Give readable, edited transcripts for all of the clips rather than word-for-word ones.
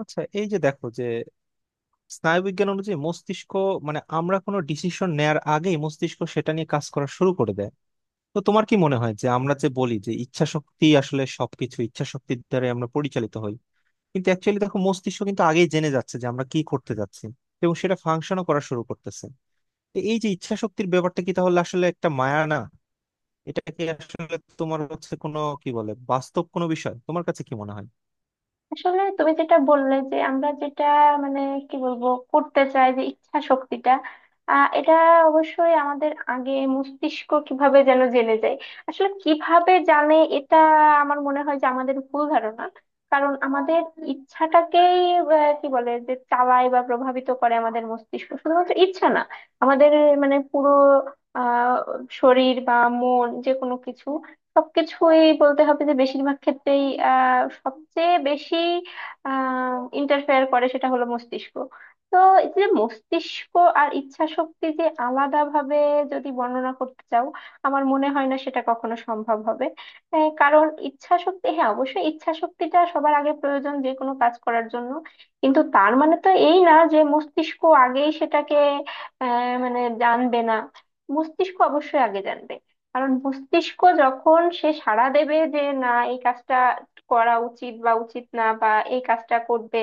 আচ্ছা, এই যে দেখো যে স্নায়ুবিজ্ঞান অনুযায়ী মস্তিষ্ক, আমরা কোনো ডিসিশন নেয়ার আগেই মস্তিষ্ক সেটা নিয়ে কাজ করা শুরু করে দেয়। তো তোমার কি মনে হয় যে আমরা যে বলি যে ইচ্ছা শক্তি, আসলে সবকিছু ইচ্ছা শক্তির দ্বারা আমরা পরিচালিত হই, কিন্তু অ্যাকচুয়ালি দেখো মস্তিষ্ক কিন্তু আগেই জেনে যাচ্ছে যে আমরা কি করতে যাচ্ছি এবং সেটা ফাংশনও করা শুরু করতেছে। তো এই যে ইচ্ছা শক্তির ব্যাপারটা, কি তাহলে আসলে একটা মায়া না? এটা কি আসলে তোমার হচ্ছে কোনো কি বলে বাস্তব কোনো বিষয়? তোমার কাছে কি মনে হয়? আসলে তুমি যেটা বললে যে আমরা যেটা মানে কি বলবো করতে চাই যে ইচ্ছা শক্তিটা, এটা অবশ্যই আমাদের আগে মস্তিষ্ক কিভাবে যেন জেনে যায়। আসলে কিভাবে জানে এটা? আমার মনে হয় যে আমাদের ভুল ধারণা, কারণ আমাদের ইচ্ছাটাকেই আহ, কি বলে যে চালায় বা প্রভাবিত করে আমাদের মস্তিষ্ক, শুধুমাত্র ইচ্ছা না। আমাদের মানে পুরো আহ শরীর বা মন, যে কোনো কিছু, সবকিছুই বলতে হবে যে বেশিরভাগ ক্ষেত্রেই সবচেয়ে বেশি আহ ইন্টারফেয়ার করে সেটা হলো মস্তিষ্ক। তো এই যে মস্তিষ্ক আর ইচ্ছা শক্তি, যে আলাদা ভাবে যদি বর্ণনা করতে চাও, আমার মনে হয় না সেটা কখনো সম্ভব হবে। কারণ ইচ্ছা শক্তি, হ্যাঁ অবশ্যই ইচ্ছা শক্তিটা সবার আগে প্রয়োজন যে কোনো কাজ করার জন্য, কিন্তু তার মানে তো এই না যে মস্তিষ্ক আগেই সেটাকে মানে জানবে না। মস্তিষ্ক অবশ্যই আগে জানবে, কারণ মস্তিষ্ক যখন সে সাড়া দেবে যে না এই কাজটা করা উচিত বা উচিত না, বা এই কাজটা করবে,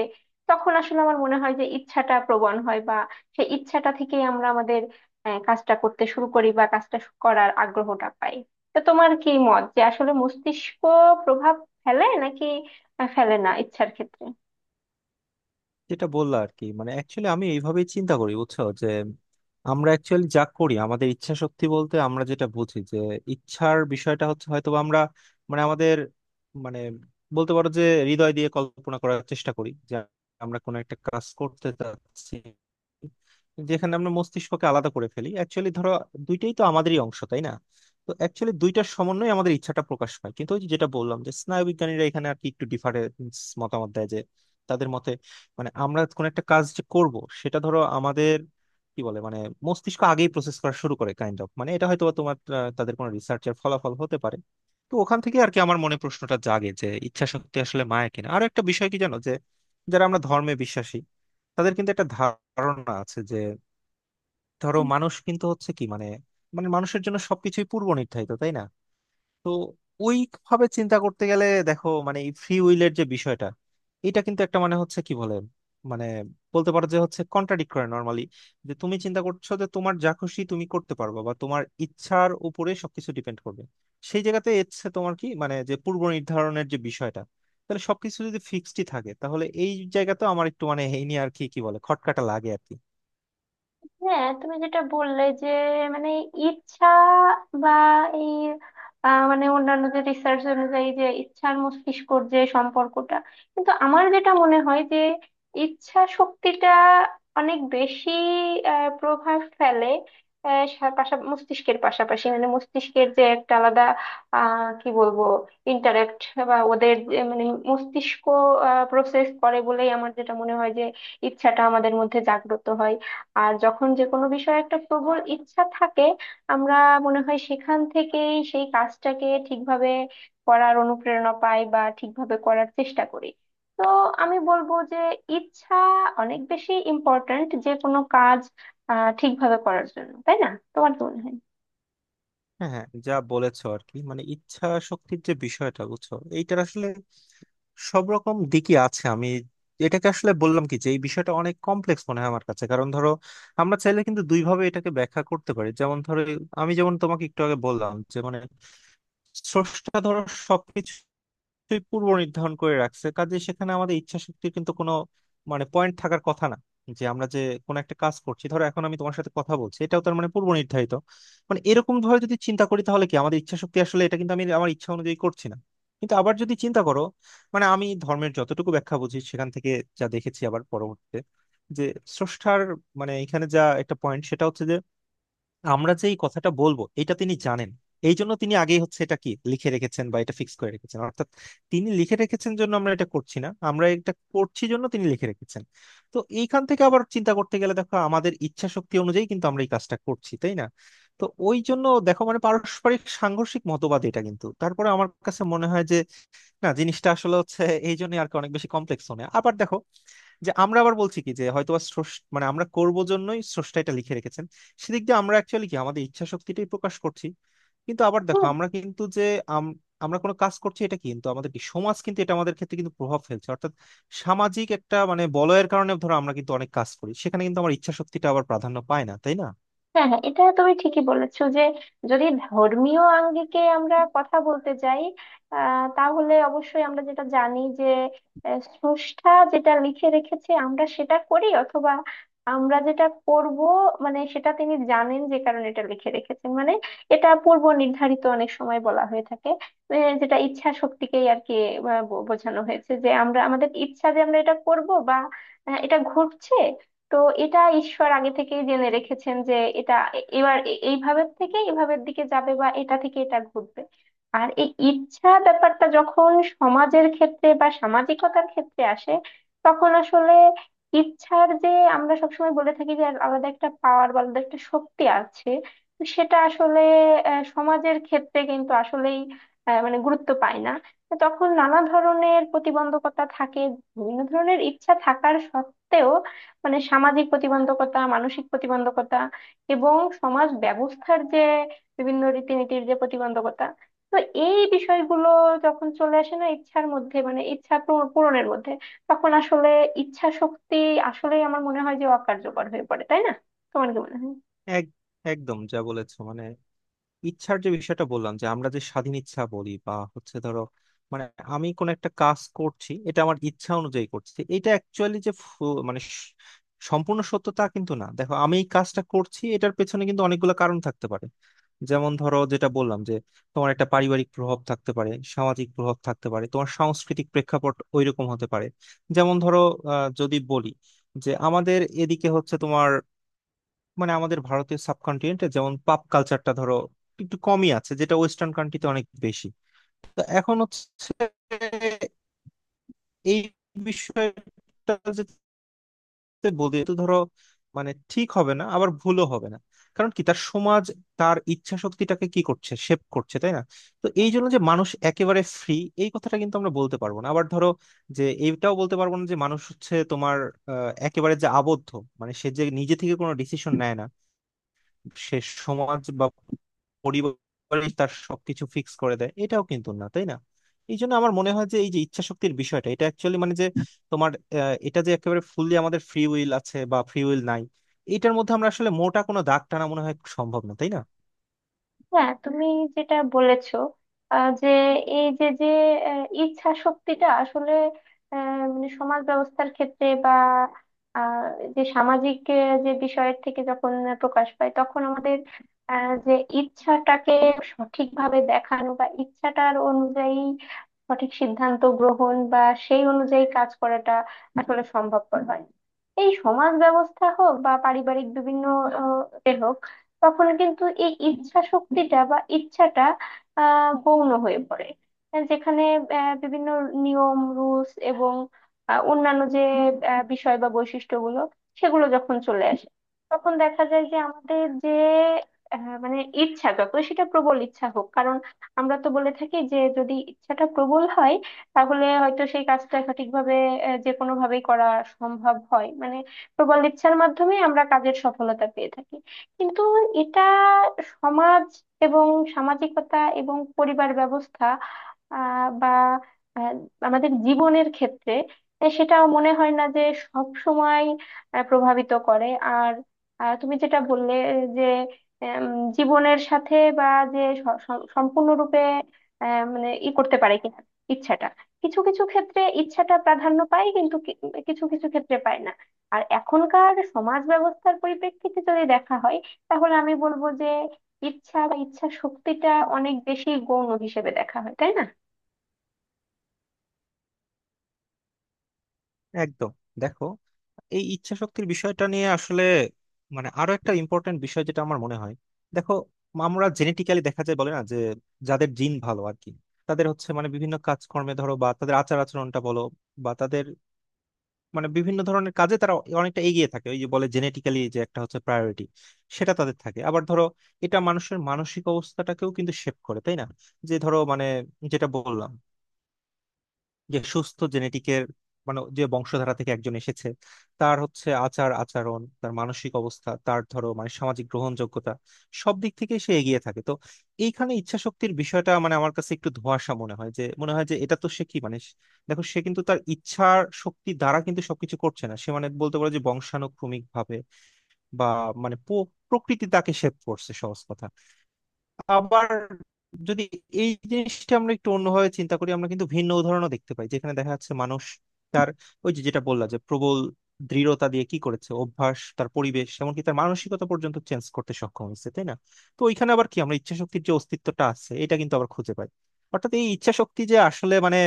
তখন আসলে আমার মনে হয় যে ইচ্ছাটা প্রবণ হয়, বা সেই ইচ্ছাটা থেকেই আমরা আমাদের কাজটা করতে শুরু করি বা করার আগ্রহটা পাই। তো তোমার কি মত, যে আসলে মস্তিষ্ক প্রভাব ফেলে নাকি ফেলে না ইচ্ছার ক্ষেত্রে? যেটা বললা আর কি মানে অ্যাকচুয়ালি আমি এইভাবেই চিন্তা করি, বুঝছো? যে আমরা অ্যাকচুয়ালি যা করি, আমাদের ইচ্ছা শক্তি বলতে আমরা যেটা বুঝি যে ইচ্ছার বিষয়টা হচ্ছে হয়তো বা আমরা মানে আমাদের মানে বলতে পারো যে হৃদয় দিয়ে কল্পনা করার চেষ্টা করি যে আমরা কোনো একটা কাজ করতে চাচ্ছি, যেখানে আমরা মস্তিষ্ককে আলাদা করে ফেলি। অ্যাকচুয়ালি ধরো দুইটাই তো আমাদেরই অংশ, তাই না? তো অ্যাকচুয়ালি দুইটার সমন্বয়ে আমাদের ইচ্ছাটা প্রকাশ পায়। কিন্তু ওই যে যেটা বললাম যে স্নায়ুবিজ্ঞানীরা এখানে আর কি একটু ডিফারেন্স মতামত দেয় যে, তাদের মতে আমরা কোন একটা কাজ যে করব, সেটা ধরো আমাদের কি বলে মানে মস্তিষ্ক আগেই প্রসেস করা শুরু করে, কাইন্ড অফ। এটা হয়তো বা তোমার তাদের কোনো রিসার্চের ফলাফল হতে পারে। তো ওখান থেকে আর কি আমার মনে প্রশ্নটা জাগে যে ইচ্ছা শক্তি আসলে মায়া কিনা। আরো একটা বিষয় কি জানো যে, যারা আমরা ধর্মে বিশ্বাসী, তাদের কিন্তু একটা ধারণা আছে যে ধরো মানুষ কিন্তু হচ্ছে কি মানে মানে মানুষের জন্য সবকিছুই পূর্ব নির্ধারিত, তাই না? তো ওইভাবে চিন্তা করতে গেলে দেখো ফ্রি উইলের যে বিষয়টা, এটা কিন্তু একটা মানে হচ্ছে কি বলে মানে বলতে পারো যে হচ্ছে কন্ট্রাডিক্ট করে নর্মালি, যে তুমি চিন্তা করছো যে তোমার যা খুশি তুমি করতে পারবে বা তোমার ইচ্ছার উপরে সবকিছু ডিপেন্ড করবে, সেই জায়গাতে ইচ্ছে তোমার কি মানে যে পূর্ব নির্ধারণের যে বিষয়টা, তাহলে সবকিছু যদি ফিক্সডই থাকে, তাহলে এই জায়গাতে আমার একটু এই নিয়ে আর কি কি বলে খটকাটা লাগে আর কি। হ্যাঁ, তুমি যেটা বললে যে মানে ইচ্ছা বা এই মানে অন্যান্য যে রিসার্চ অনুযায়ী যে ইচ্ছার মস্তিষ্কর যে সম্পর্কটা, কিন্তু আমার যেটা মনে হয় যে ইচ্ছা শক্তিটা অনেক বেশি প্রভাব ফেলে। মস্তিষ্কের পাশাপাশি মানে মস্তিষ্কের যে একটা আলাদা আহ কি বলবো ইন্টারেক্ট বা ওদের যে মানে মস্তিষ্ক প্রসেস করে বলেই আমার যেটা মনে হয় যে ইচ্ছাটা আমাদের মধ্যে জাগ্রত হয়। আর যখন যে কোনো বিষয়ে একটা প্রবল ইচ্ছা থাকে, আমরা মনে হয় সেখান থেকেই সেই কাজটাকে ঠিকভাবে করার অনুপ্রেরণা পাই বা ঠিকভাবে করার চেষ্টা করি। তো আমি বলবো যে ইচ্ছা অনেক বেশি ইম্পর্ট্যান্ট যে কোনো কাজ ঠিকভাবে করার জন্য, তাই না? তোমার কি মনে হয়? হ্যাঁ হ্যাঁ, যা বলেছো আর কি মানে ইচ্ছা শক্তির যে বিষয়টা, বুঝছো, এইটার আসলে সব রকম দিকই আছে। আমি এটাকে আসলে বললাম কি, যে এই বিষয়টা অনেক কমপ্লেক্স মনে হয় আমার কাছে। কারণ ধরো আমরা চাইলে কিন্তু দুই ভাবে এটাকে ব্যাখ্যা করতে পারি। যেমন ধরো, আমি যেমন তোমাকে একটু আগে বললাম যে স্রষ্টা ধরো সবকিছুই পূর্ব নির্ধারণ করে রাখছে, কাজে সেখানে আমাদের ইচ্ছা শক্তির কিন্তু কোনো পয়েন্ট থাকার কথা না, যে আমরা যে কোনো একটা কাজ করছি। ধরো এখন আমি তোমার সাথে কথা বলছি, এটাও তার মানে পূর্ব নির্ধারিত। এরকম ভাবে যদি চিন্তা করি, তাহলে কি আমাদের ইচ্ছা শক্তি আসলে, এটা কিন্তু আমি আমার ইচ্ছা অনুযায়ী করছি না। কিন্তু আবার যদি চিন্তা করো, আমি ধর্মের যতটুকু ব্যাখ্যা বুঝি সেখান থেকে যা দেখেছি, আবার পরবর্তীতে যে স্রষ্টার এখানে যা একটা পয়েন্ট, সেটা হচ্ছে যে আমরা যে এই কথাটা বলবো এটা তিনি জানেন, এই জন্য তিনি আগেই হচ্ছে এটা লিখে রেখেছেন বা এটা ফিক্স করে রেখেছেন। অর্থাৎ তিনি লিখে রেখেছেন জন্য আমরা এটা করছি না, আমরা এটা করছি জন্য তিনি লিখে রেখেছেন। তো এইখান থেকে আবার চিন্তা করতে গেলে দেখো আমাদের ইচ্ছা শক্তি অনুযায়ী কিন্তু আমরা এই কাজটা করছি, তাই না? তো ওই জন্য দেখো পারস্পরিক সাংঘর্ষিক মতবাদ, এটা কিন্তু তারপরে আমার কাছে মনে হয় যে না, জিনিসটা আসলে হচ্ছে এই জন্য আর কি অনেক বেশি কমপ্লেক্স হয়। আবার দেখো যে আমরা আবার বলছি কি যে হয়তো বা স্রষ্টা আমরা করব জন্যই স্রষ্টা এটা লিখে রেখেছেন, সেদিক দিয়ে আমরা অ্যাকচুয়ালি কি আমাদের ইচ্ছা শক্তিটাই প্রকাশ করছি। কিন্তু আবার দেখো হ্যাঁ, আমরা কিন্তু যে আম- আমরা কোনো কাজ করছি, এটা কিন্তু আমাদের সমাজ কিন্তু এটা আমাদের ক্ষেত্রে কিন্তু প্রভাব ফেলছে। অর্থাৎ সামাজিক একটা বলয়ের কারণে ধরো আমরা কিন্তু অনেক কাজ করি, সেখানে কিন্তু আমার ইচ্ছা শক্তিটা আবার প্রাধান্য পায় না, তাই না? হ্যাঁ, হ্যাঁ, এটা তুমি ঠিকই বলেছো যে যদি ধর্মীয় আঙ্গিকে আমরা কথা বলতে যাই, তাহলে অবশ্যই আমরা যেটা জানি যে স্রষ্টা যেটা লিখে রেখেছে আমরা সেটা করি, অথবা আমরা যেটা করব মানে সেটা তিনি জানেন যে কারণে এটা লিখে রেখেছেন। মানে এটা পূর্ব নির্ধারিত, অনেক সময় বলা হয়ে থাকে। যেটা ইচ্ছা শক্তিকেই আর কি বোঝানো হয়েছে, যে আমরা আমাদের ইচ্ছা, যে আমরা এটা করব বা এটা ঘটছে, তো এটা ঈশ্বর আগে থেকেই জেনে রেখেছেন, যে এটা এবার এইভাবে থেকে এভাবের দিকে যাবে বা এটা থেকে এটা ঘটবে। আর এই ইচ্ছা ব্যাপারটা যখন সমাজের ক্ষেত্রে বা সামাজিকতার ক্ষেত্রে আসে, তখন আসলে ইচ্ছার যে, আমরা সবসময় বলে থাকি যে আর আলাদা একটা পাওয়ার বা আলাদা একটা শক্তি আছে, তো সেটা আসলে সমাজের ক্ষেত্রে কিন্তু আসলেই মানে গুরুত্ব পায় না। তো তখন নানা ধরনের প্রতিবন্ধকতা থাকে, বিভিন্ন ধরনের ইচ্ছা থাকার সত্ত্বেও, মানে সামাজিক প্রতিবন্ধকতা, মানসিক প্রতিবন্ধকতা এবং সমাজ ব্যবস্থার যে বিভিন্ন রীতিনীতির যে প্রতিবন্ধকতা, তো এই বিষয়গুলো যখন চলে আসে না ইচ্ছার মধ্যে, মানে ইচ্ছা পূরণের মধ্যে, তখন আসলে ইচ্ছা শক্তি আসলেই আমার মনে হয় যে অকার্যকর হয়ে পড়ে, তাই না? তোমার কি মনে হয়? এক- একদম যা বলেছো। ইচ্ছার যে বিষয়টা বললাম যে আমরা যে স্বাধীন ইচ্ছা বলি বা হচ্ছে ধরো, মানে আমি কোন একটা কাজ করছি এটা আমার ইচ্ছা অনুযায়ী করছি, এটা অ্যাকচুয়ালি যে সম্পূর্ণ সত্য তা কিন্তু না। দেখো আমি এই কাজটা করছি, এটার পেছনে কিন্তু অনেকগুলো কারণ থাকতে পারে। যেমন ধরো যেটা বললাম যে তোমার একটা পারিবারিক প্রভাব থাকতে পারে, সামাজিক প্রভাব থাকতে পারে, তোমার সাংস্কৃতিক প্রেক্ষাপট ওইরকম হতে পারে। যেমন ধরো যদি বলি যে আমাদের এদিকে হচ্ছে তোমার আমাদের ভারতীয় সাবকন্টিনেন্টে যেমন পাপ কালচারটা ধরো একটু কমই আছে, যেটা ওয়েস্টার্ন কান্ট্রিতে অনেক বেশি। তো এখন হচ্ছে এই বিষয়টা যেতে বলি তো ধরো, ঠিক হবে না আবার ভুলও হবে না। কারণ কি, তার সমাজ তার ইচ্ছা শক্তিটাকে কি করছে শেপ করছে, তাই না? তো এই হ্যাঁ, জন্য যে মানুষ একেবারে ফ্রি, এই কথাটা কিন্তু আমরা বলতে পারবো না। আবার ধরো, যে এইটাও বলতে পারবো না যে মানুষ হচ্ছে তোমার একেবারে যে আবদ্ধ, সে যে নিজে থেকে কোনো ডিসিশন নেয় না, সে সমাজ বা পরিবারই তার সবকিছু ফিক্স করে দেয়, এটাও কিন্তু না, তাই না? এই জন্য আমার মনে হয় যে এই যে ইচ্ছা শক্তির বিষয়টা, এটা অ্যাকচুয়ালি যে তোমার এটা যে একেবারে ফুললি আমাদের ফ্রি উইল আছে বা ফ্রি উইল নাই, এটার মধ্যে আমরা আসলে মোটা কোনো দাগ টানা মনে হয় সম্ভব না, তাই না? হ্যাঁ, তুমি যেটা বলেছো যে এই যে যে ইচ্ছা শক্তিটা আসলে মানে সমাজ ব্যবস্থার ক্ষেত্রে বা আহ, যে সামাজিক যে বিষয়ের থেকে যখন প্রকাশ পায়, তখন আমাদের যে ইচ্ছাটাকে সঠিকভাবে দেখানো বা ইচ্ছাটার অনুযায়ী সঠিক সিদ্ধান্ত গ্রহণ বা সেই অনুযায়ী কাজ করাটা আসলে সম্ভবপর হয় না। এই সমাজ ব্যবস্থা হোক বা পারিবারিক বিভিন্ন আহ, এ হোক, তখন কিন্তু এই ইচ্ছা শক্তিটা বা ইচ্ছাটা গৌণ হয়ে পড়ে, যেখানে বিভিন্ন নিয়ম, রুলস এবং অন্যান্য যে বিষয় বা বৈশিষ্ট্যগুলো, সেগুলো যখন চলে আসে, তখন দেখা যায় যে আমাদের যে মানে ইচ্ছা, যতই সেটা প্রবল ইচ্ছা হোক, কারণ আমরা তো বলে থাকি যে যদি ইচ্ছাটা প্রবল হয় তাহলে হয়তো সেই কাজটা সঠিকভাবে যে কোনো ভাবেই করা সম্ভব হয়, মানে প্রবল ইচ্ছার মাধ্যমে আমরা কাজের সফলতা পেয়ে থাকি। কিন্তু এটা সমাজ এবং সামাজিকতা এবং পরিবার ব্যবস্থা, বা আহ, আমাদের জীবনের ক্ষেত্রে সেটা মনে হয় না যে সব সময় প্রভাবিত করে। আর তুমি যেটা বললে যে আম, জীবনের সাথে বা যে সম্পূর্ণরূপে মানে ই করতে পারে কিনা ইচ্ছাটা, কিছু কিছু ক্ষেত্রে ইচ্ছাটা প্রাধান্য পায় কিন্তু কিছু কিছু ক্ষেত্রে পায় না। আর এখনকার সমাজ ব্যবস্থার পরিপ্রেক্ষিতে যদি দেখা হয়, তাহলে আমি বলবো যে ইচ্ছা বা ইচ্ছা শক্তিটা অনেক বেশি গৌণ হিসেবে দেখা হয়, তাই না? একদম। দেখো, এই ইচ্ছা শক্তির বিষয়টা নিয়ে আসলে আরো একটা ইম্পর্টেন্ট বিষয় যেটা আমার মনে হয়, দেখো আমরা জেনেটিক্যালি দেখা যায় বলে না যে যাদের জিন ভালো আর কি, তাদের হচ্ছে বিভিন্ন কাজকর্মে ধরো বা তাদের আচার আচরণটা বলো বা তাদের বিভিন্ন ধরনের কাজে তারা অনেকটা এগিয়ে থাকে। ওই যে বলে জেনেটিক্যালি যে একটা হচ্ছে প্রায়োরিটি, সেটা তাদের থাকে। আবার ধরো এটা মানুষের মানসিক অবস্থাটাকেও কিন্তু শেপ করে, তাই না? যে ধরো যেটা বললাম যে সুস্থ জেনেটিকের যে বংশধারা থেকে একজন এসেছে, তার হচ্ছে আচার আচরণ, তার মানসিক অবস্থা, তার ধরো সামাজিক গ্রহণযোগ্যতা সব দিক থেকে সে এগিয়ে থাকে। তো এইখানে ইচ্ছা শক্তির বিষয়টা আমার কাছে একটু ধোঁয়াশা মনে হয়, যে মনে হয় যে এটা তো সে কি মানে দেখো সে কিন্তু তার ইচ্ছার শক্তি দ্বারা কিন্তু সবকিছু করছে না। সে বলতে পারো যে বংশানুক্রমিক ভাবে বা প্রকৃতি তাকে শেপ করছে, সহজ কথা। আবার যদি এই জিনিসটা আমরা একটু অন্যভাবে চিন্তা করি, আমরা কিন্তু ভিন্ন উদাহরণও দেখতে পাই যেখানে দেখা যাচ্ছে মানুষ তার ওই যে যেটা বললাম যে প্রবল দৃঢ়তা দিয়ে কি করেছে অভ্যাস, তার পরিবেশ, এমনকি তার মানসিকতা পর্যন্ত চেঞ্জ করতে সক্ষম হয়েছে, তাই না? তো ওইখানে আবার কি, আমরা ইচ্ছাশক্তির যে অস্তিত্বটা আছে এটা কিন্তু আবার খুঁজে পাই। অর্থাৎ এই ইচ্ছাশক্তি যে আসলে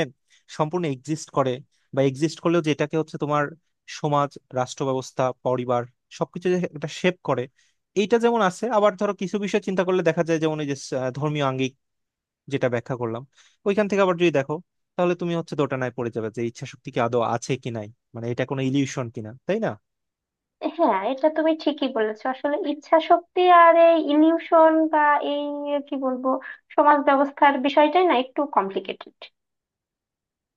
সম্পূর্ণ এক্সিস্ট করে, বা এক্সিস্ট করলেও যেটাকে হচ্ছে তোমার সমাজ, রাষ্ট্র ব্যবস্থা, পরিবার সবকিছু যে একটা শেপ করে, এইটা যেমন আছে। আবার ধরো কিছু বিষয় চিন্তা করলে দেখা যায় যেমন এই যে ধর্মীয় আঙ্গিক যেটা ব্যাখ্যা করলাম, ওইখান থেকে আবার যদি দেখো, তাহলে তুমি হচ্ছে দোটানায় পড়ে যাবে যে ইচ্ছা শক্তি কি আদৌ আছে কি নাই, এটা কোনো ইলিউশন কিনা, তাই না? হ্যাঁ, এটা তুমি ঠিকই বলেছো। আসলে ইচ্ছা শক্তি আর এই ইলিউশন বা এই কি বলবো সমাজ ব্যবস্থার বিষয়টাই না একটু কমপ্লিকেটেড